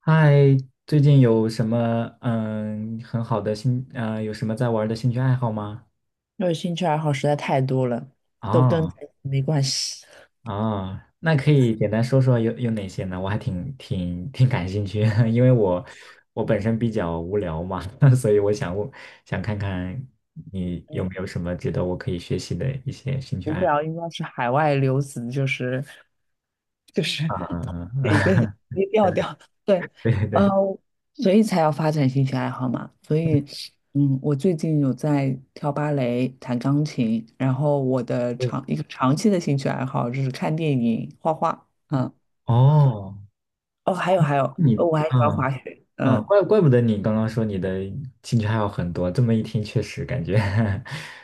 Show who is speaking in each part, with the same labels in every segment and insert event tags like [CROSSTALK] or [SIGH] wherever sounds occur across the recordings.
Speaker 1: 嗨，最近有什么很好的有什么在玩的兴趣爱好吗？
Speaker 2: 因为兴趣爱好实在太多了，都跟感
Speaker 1: 啊
Speaker 2: 情没关系。
Speaker 1: 啊，那可以简单说说有哪些呢？我还挺感兴趣，[LAUGHS] 因为我本身比较无聊嘛，[LAUGHS] 所以我想看看你有没有什么值得我可以学习的一些兴趣
Speaker 2: 无
Speaker 1: 爱好？
Speaker 2: 聊应该是海外留子，就是
Speaker 1: 嗯
Speaker 2: [LAUGHS]
Speaker 1: 嗯
Speaker 2: 一个
Speaker 1: 嗯，
Speaker 2: 一个调调。
Speaker 1: [LAUGHS]
Speaker 2: 对，
Speaker 1: 对对
Speaker 2: 呃，
Speaker 1: 对，
Speaker 2: 所以才要发展兴趣爱好嘛。所以，嗯，我最近有在跳芭蕾、弹钢琴，然后我的长一个长期的兴趣爱好就是看电影、画画。嗯，
Speaker 1: 哦，
Speaker 2: 哦，还有，
Speaker 1: 你
Speaker 2: 我还喜欢
Speaker 1: 嗯。
Speaker 2: 滑雪。
Speaker 1: 啊，
Speaker 2: 嗯
Speaker 1: 怪不得你刚刚说你的兴趣爱好很多，这么一听确实感觉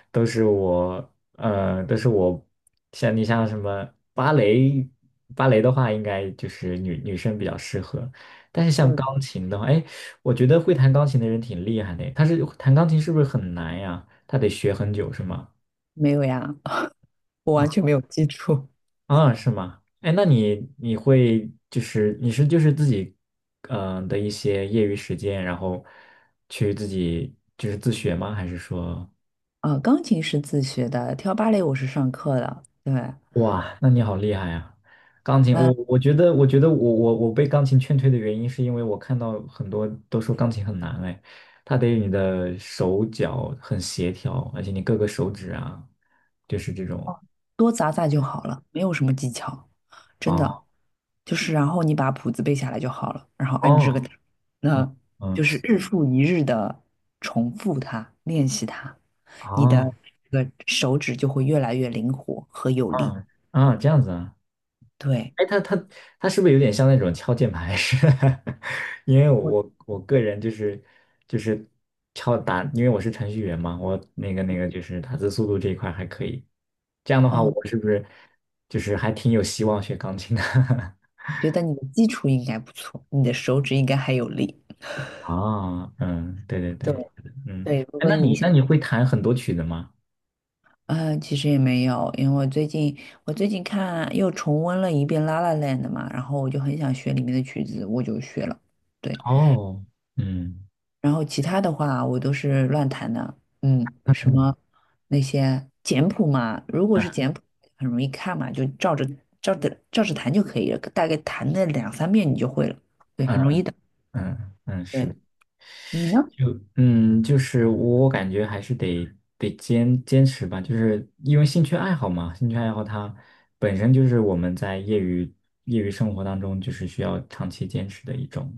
Speaker 1: [LAUGHS] 都是我，像什么芭蕾，芭蕾的话应该就是女生比较适合，但是像
Speaker 2: 嗯，
Speaker 1: 钢琴的话，哎，我觉得会弹钢琴的人挺厉害的，弹钢琴是不是很难呀？他得学很久是吗？
Speaker 2: 没有呀，[LAUGHS] 我完
Speaker 1: 啊？
Speaker 2: 全没有记住。
Speaker 1: 啊，是吗？哎，那你会就是自己的一些业余时间，然后去自己就是自学吗？还是说，
Speaker 2: 啊，钢琴是自学的，跳芭蕾我是上课的，对，
Speaker 1: 哇，那你好厉害啊！钢琴，我
Speaker 2: 那
Speaker 1: 我觉得我觉得我我我被钢琴劝退的原因是因为我看到很多都说钢琴很难，哎，它得你的手脚很协调，而且你各个手指啊，就是这种
Speaker 2: 多砸砸就好了，没有什么技巧，真的，
Speaker 1: 啊
Speaker 2: 就是然后你把谱子背下来就好了，然后按
Speaker 1: 哦
Speaker 2: 这个打
Speaker 1: 嗯
Speaker 2: 那
Speaker 1: 嗯
Speaker 2: 就是日复一日的重复它，练习它，你的
Speaker 1: 啊
Speaker 2: 这个手指就会越来越灵活和有力。
Speaker 1: 嗯这样子啊。
Speaker 2: 对，
Speaker 1: 哎，他是不是有点像那种敲键盘式？[LAUGHS] 因为
Speaker 2: 我
Speaker 1: 我个人就是敲打，因为我是程序员嘛，我那个就是打字速度这一块还可以。这样的话，
Speaker 2: 哦，
Speaker 1: 我是不是就是还挺有希望学钢琴的？[LAUGHS]
Speaker 2: 我觉得你的基础应该不错，你的手指应该还有力。
Speaker 1: 啊，嗯，对对对，
Speaker 2: 对
Speaker 1: 嗯，
Speaker 2: 对，如
Speaker 1: 哎，
Speaker 2: 果
Speaker 1: 那
Speaker 2: 你
Speaker 1: 你那
Speaker 2: 想。
Speaker 1: 你会弹很多曲子吗？
Speaker 2: 嗯，其实也没有，因为我最近看又重温了一遍《La La Land》嘛，然后我就很想学里面的曲子，我就学了。对，
Speaker 1: 哦，嗯
Speaker 2: 然后其他的话我都是乱弹的，嗯，什
Speaker 1: 嗯
Speaker 2: 么那些简谱嘛，如果是简谱很容易看嘛，就照着照着弹就可以了，大概弹个两三遍你就会了。对，很容易。
Speaker 1: 嗯嗯嗯，是
Speaker 2: 对，
Speaker 1: 的。
Speaker 2: 你呢？
Speaker 1: 就就是我感觉还是得坚持吧，就是因为兴趣爱好嘛，兴趣爱好它本身就是我们在业余生活当中就是需要长期坚持的一种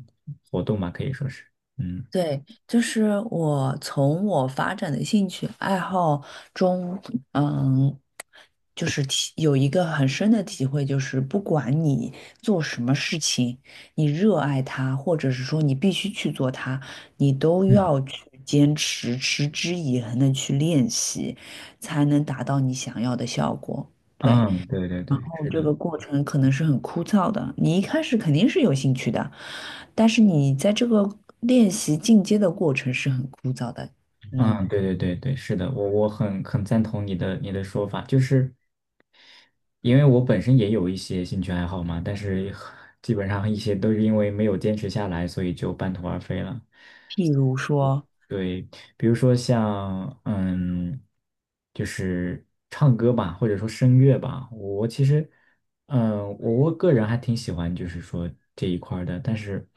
Speaker 1: 活动嘛，可以说是，嗯
Speaker 2: 对，就是我从我发展的兴趣爱好中，嗯，就是有一个很深的体会，就是不管你做什么事情，你热爱它，或者是说你必须去做它，你都
Speaker 1: 嗯，
Speaker 2: 要去坚持、持之以恒的去练习，才能达到你想要的效果。对。
Speaker 1: 嗯，对对对，是的，
Speaker 2: 这个过程可能是很枯燥的，你一开始肯定是有兴趣的，但是你在这个练习进阶的过程是很枯燥的。嗯，
Speaker 1: 嗯，对对对对，是的，我很赞同你的说法，就是因为我本身也有一些兴趣爱好嘛，但是 [LAUGHS] 基本上一些都是因为没有坚持下来，所以就半途而废了。
Speaker 2: 譬如说，
Speaker 1: 对，比如说像就是唱歌吧，或者说声乐吧，我其实我个人还挺喜欢，就是说这一块儿的，但是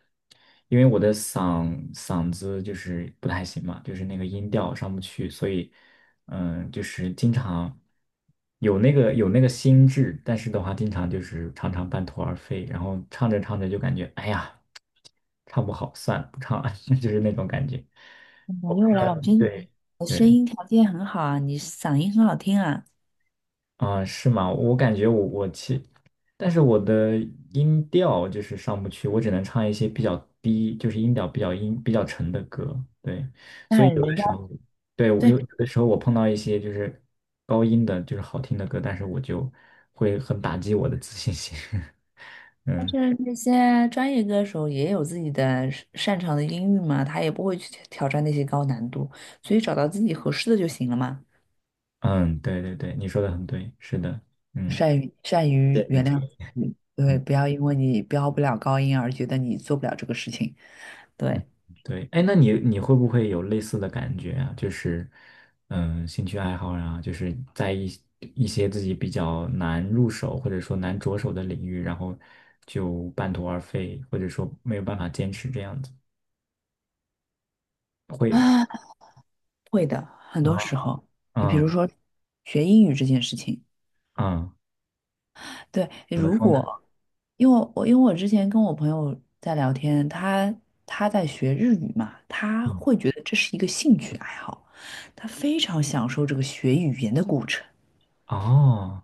Speaker 1: 因为我的嗓子就是不太行嘛，就是那个音调上不去，所以就是经常有那个心智，但是的话，经常就是常常半途而废，然后唱着唱着就感觉哎呀，唱不好，算了，不唱了，[LAUGHS] 就是那种感觉。
Speaker 2: 没有啦，我觉得你
Speaker 1: 对
Speaker 2: 的声
Speaker 1: 对，
Speaker 2: 音条件很好啊，你嗓音很好听啊。
Speaker 1: 啊、是吗？我感觉我我其，但是我的音调就是上不去，我只能唱一些比较低，就是音调比较沉的歌。对，
Speaker 2: 那
Speaker 1: 所以有的
Speaker 2: 人家
Speaker 1: 时候，对，我
Speaker 2: 对，
Speaker 1: 有的时候我碰到一些就是高音的，就是好听的歌，但是我就会很打击我的自信心。[LAUGHS]
Speaker 2: 但
Speaker 1: 嗯
Speaker 2: 是那些专业歌手也有自己的擅擅长的音域嘛，他也不会去挑挑战那些高难度，所以找到自己合适的就行了嘛。
Speaker 1: 嗯，对对对，你说的很对，是的，嗯
Speaker 2: 善于善
Speaker 1: 谢
Speaker 2: 于
Speaker 1: 谢你的
Speaker 2: 原
Speaker 1: 建
Speaker 2: 谅
Speaker 1: 议
Speaker 2: 自己，
Speaker 1: 嗯。
Speaker 2: 对，不要因为你飙不了高音而觉得你做不了这个事情，
Speaker 1: 嗯，
Speaker 2: 对
Speaker 1: 对，哎，那你会不会有类似的感觉啊？就是，兴趣爱好啊，就是在一些自己比较难入手或者说难着手的领域，然后就半途而废，或者说没有办法坚持这样子。
Speaker 2: 啊，会的，很多时
Speaker 1: 啊，
Speaker 2: 候，你比如
Speaker 1: 嗯
Speaker 2: 说学英语这件事情，
Speaker 1: 嗯，
Speaker 2: 对，
Speaker 1: 怎么
Speaker 2: 如
Speaker 1: 说呢？
Speaker 2: 果因为我之前跟我朋友在聊天，他在学日语嘛，他
Speaker 1: 嗯，
Speaker 2: 会觉得这是一个兴趣爱好，他非常享受这个学语言的过程。
Speaker 1: 哦，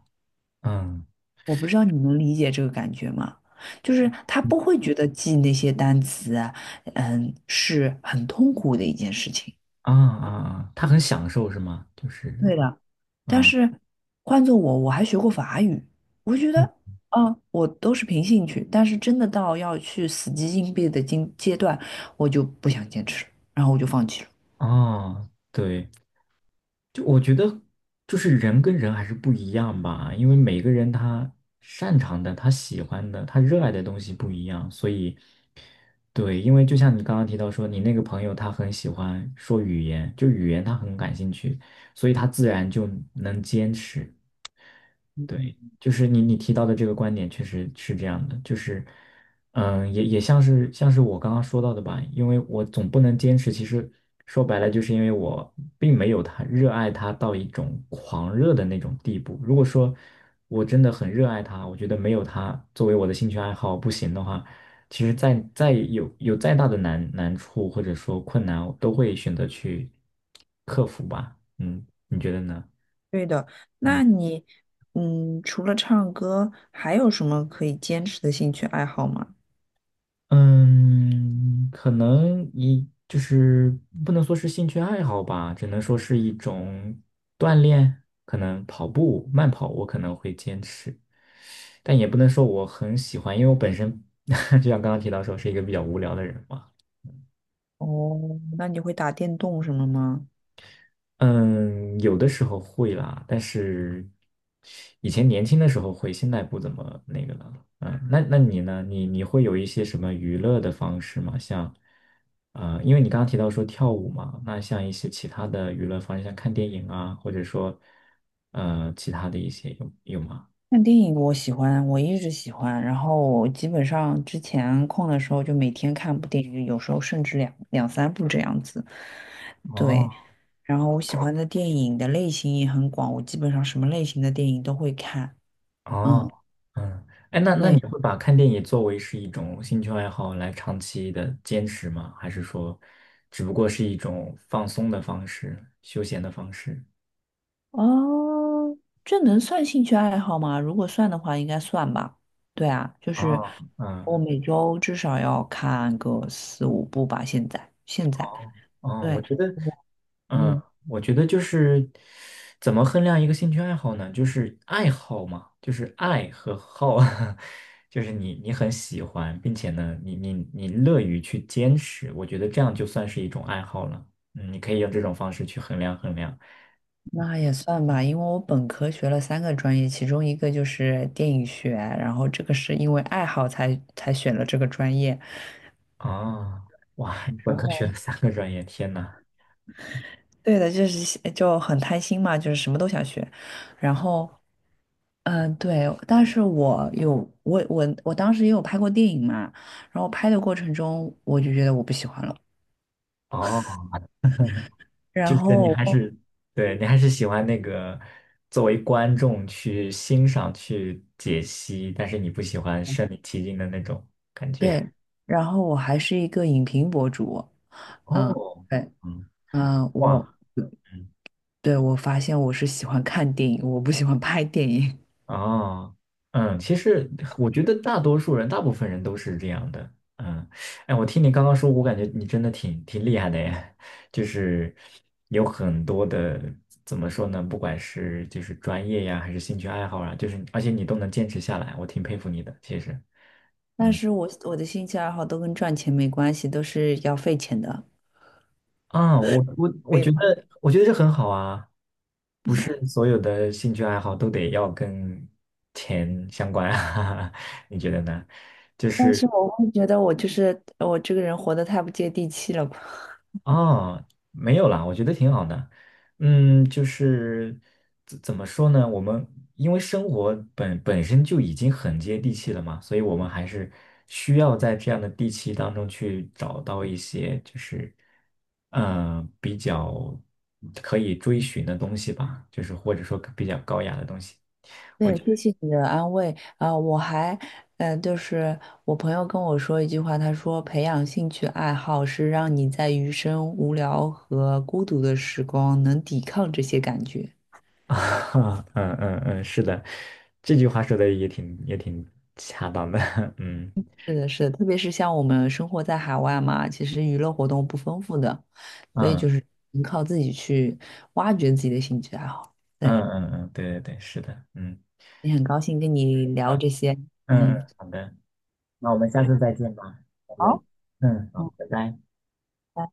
Speaker 1: 嗯
Speaker 2: 我不知道你能理解这个感觉吗？就是他不会觉得记那些单词啊，嗯，是很痛苦的一件事情。
Speaker 1: 啊啊啊，他很享受是吗？就是，
Speaker 2: 对的，但
Speaker 1: 嗯
Speaker 2: 是换做我，我还学过法语，我觉得
Speaker 1: 嗯
Speaker 2: 啊，我都是凭兴趣，但是真的到要去死记硬背的阶段，我就不想坚持了，然后我就放弃了。
Speaker 1: 哦，对。就我觉得，就是人跟人还是不一样吧，因为每个人他擅长的、他喜欢的、他热爱的东西不一样，所以，对，因为就像你刚刚提到说，你那个朋友他很喜欢说语言，就语言他很感兴趣，所以他自然就能坚持。对，就是你提到的这个观点确实是这样的，就是，也像是我刚刚说到的吧，因为我总不能坚持，其实说白了就是因为我并没有他热爱他到一种狂热的那种地步。如果说我真的很热爱他，我觉得没有他作为我的兴趣爱好不行的话，其实再有再大的难处或者说困难，我都会选择去克服吧。嗯，你觉得呢？
Speaker 2: 对的，
Speaker 1: 嗯。
Speaker 2: 那你，嗯，除了唱歌，还有什么可以坚持的兴趣爱好吗？
Speaker 1: 嗯，可能就是不能说是兴趣爱好吧，只能说是一种锻炼。可能跑步、慢跑我可能会坚持，但也不能说我很喜欢，因为我本身 [LAUGHS] 就像刚刚提到说是一个比较无聊的人嘛。
Speaker 2: 哦，那你会打电动什么吗？
Speaker 1: 嗯，有的时候会啦，但是以前年轻的时候会，现在不怎么那个了。嗯，那你呢？你会有一些什么娱乐的方式吗？像，因为你刚刚提到说跳舞嘛，那像一些其他的娱乐方式，像看电影啊，或者说，其他的一些有吗？
Speaker 2: 看电影我喜欢，我一直喜欢。然后我基本上之前空的时候就每天看部电影，有时候甚至两三部这样子。对，
Speaker 1: 哦。
Speaker 2: 然后我喜欢的电影的类型也很广，我基本上什么类型的电影都会看。嗯，
Speaker 1: 哦，嗯，哎，那你
Speaker 2: 对，
Speaker 1: 会把看电影作为是一种兴趣爱好来长期的坚持吗？还是说，只不过是一种放松的方式、休闲的方式？
Speaker 2: 哦，这能算兴趣爱好吗？如果算的话，应该算吧。对啊，就是
Speaker 1: 啊，
Speaker 2: 我
Speaker 1: 嗯，
Speaker 2: 每周至少要看个四五部吧。现在，现在，
Speaker 1: 好，哦，我
Speaker 2: 对，
Speaker 1: 觉得。
Speaker 2: 我嗯。
Speaker 1: 嗯，我觉得就是怎么衡量一个兴趣爱好呢？就是爱好嘛，就是爱和好，[LAUGHS] 就是你很喜欢，并且呢，你乐于去坚持，我觉得这样就算是一种爱好了。你可以用这种方式去衡量衡量。
Speaker 2: 那也算吧，因为我本科学了三个专业，其中一个就是电影学，然后这个是因为爱好才选了这个专业。
Speaker 1: 啊，哇，你本
Speaker 2: 然
Speaker 1: 科学了
Speaker 2: 后，
Speaker 1: 三个专业，天呐！
Speaker 2: 对的，就是就很贪心嘛，就是什么都想学。然后，嗯，对，但是我当时也有拍过电影嘛，然后拍的过程中我就觉得我不喜欢了。
Speaker 1: 哦
Speaker 2: 然
Speaker 1: 就是你
Speaker 2: 后，
Speaker 1: 还是，对，你还是喜欢那个作为观众去欣赏、去解析，但是你不喜欢身临其境的那种感觉。
Speaker 2: 对，然后我还是一个影评博主，嗯，
Speaker 1: 哦，
Speaker 2: 对，
Speaker 1: 嗯，
Speaker 2: 嗯，我。
Speaker 1: 哇。
Speaker 2: 对，我发现我是喜欢看电影，我不喜欢拍电影，
Speaker 1: 哦，嗯，其实我觉得大多数人，大部分人都是这样的。嗯，哎，我听你刚刚说，我感觉你真的挺厉害的耶，[LAUGHS] 就是有很多的，怎么说呢？不管是就是专业呀，还是兴趣爱好啊，就是而且你都能坚持下来，我挺佩服你的。其实，
Speaker 2: [LAUGHS] 但
Speaker 1: 嗯，
Speaker 2: 是我的兴趣爱好都跟赚钱没关系，都是要费钱的。
Speaker 1: 啊，我我
Speaker 2: 可
Speaker 1: 我
Speaker 2: 以
Speaker 1: 觉
Speaker 2: 吗？
Speaker 1: 得我觉得这很好啊，不是所有的兴趣爱好都得要跟钱相关啊，[LAUGHS] 你觉得呢？就
Speaker 2: 但是
Speaker 1: 是。
Speaker 2: 我会觉得我就是我这个人活得太不接地气了吧。
Speaker 1: 哦，没有啦，我觉得挺好的。嗯，就是怎么说呢？我们因为生活本身就已经很接地气了嘛，所以我们还是需要在这样的地气当中去找到一些就是比较可以追寻的东西吧，就是或者说比较高雅的东西。
Speaker 2: [LAUGHS]
Speaker 1: 我
Speaker 2: 对，
Speaker 1: 觉得
Speaker 2: 谢谢你的安慰啊，我还，就是我朋友跟我说一句话，他说培养兴趣爱好是让你在余生无聊和孤独的时光能抵抗这些感觉。
Speaker 1: [LAUGHS] 啊，嗯嗯嗯，是的，这句话说的也挺恰当的，[LAUGHS] 嗯。
Speaker 2: 是的，是的，特别是像我们生活在海外嘛，其实娱乐活动不丰富的，所以
Speaker 1: 嗯
Speaker 2: 就是能靠自己去挖掘自己的兴趣爱好。
Speaker 1: 嗯
Speaker 2: 对，
Speaker 1: 嗯嗯，对对对，是的，嗯
Speaker 2: 也很高兴跟你聊
Speaker 1: 啊，
Speaker 2: 这些，
Speaker 1: 嗯
Speaker 2: 嗯，
Speaker 1: 嗯，好的，那我们下次再见吧，拜拜。
Speaker 2: 好，
Speaker 1: 嗯，好，
Speaker 2: 嗯，
Speaker 1: 拜拜。
Speaker 2: 拜拜。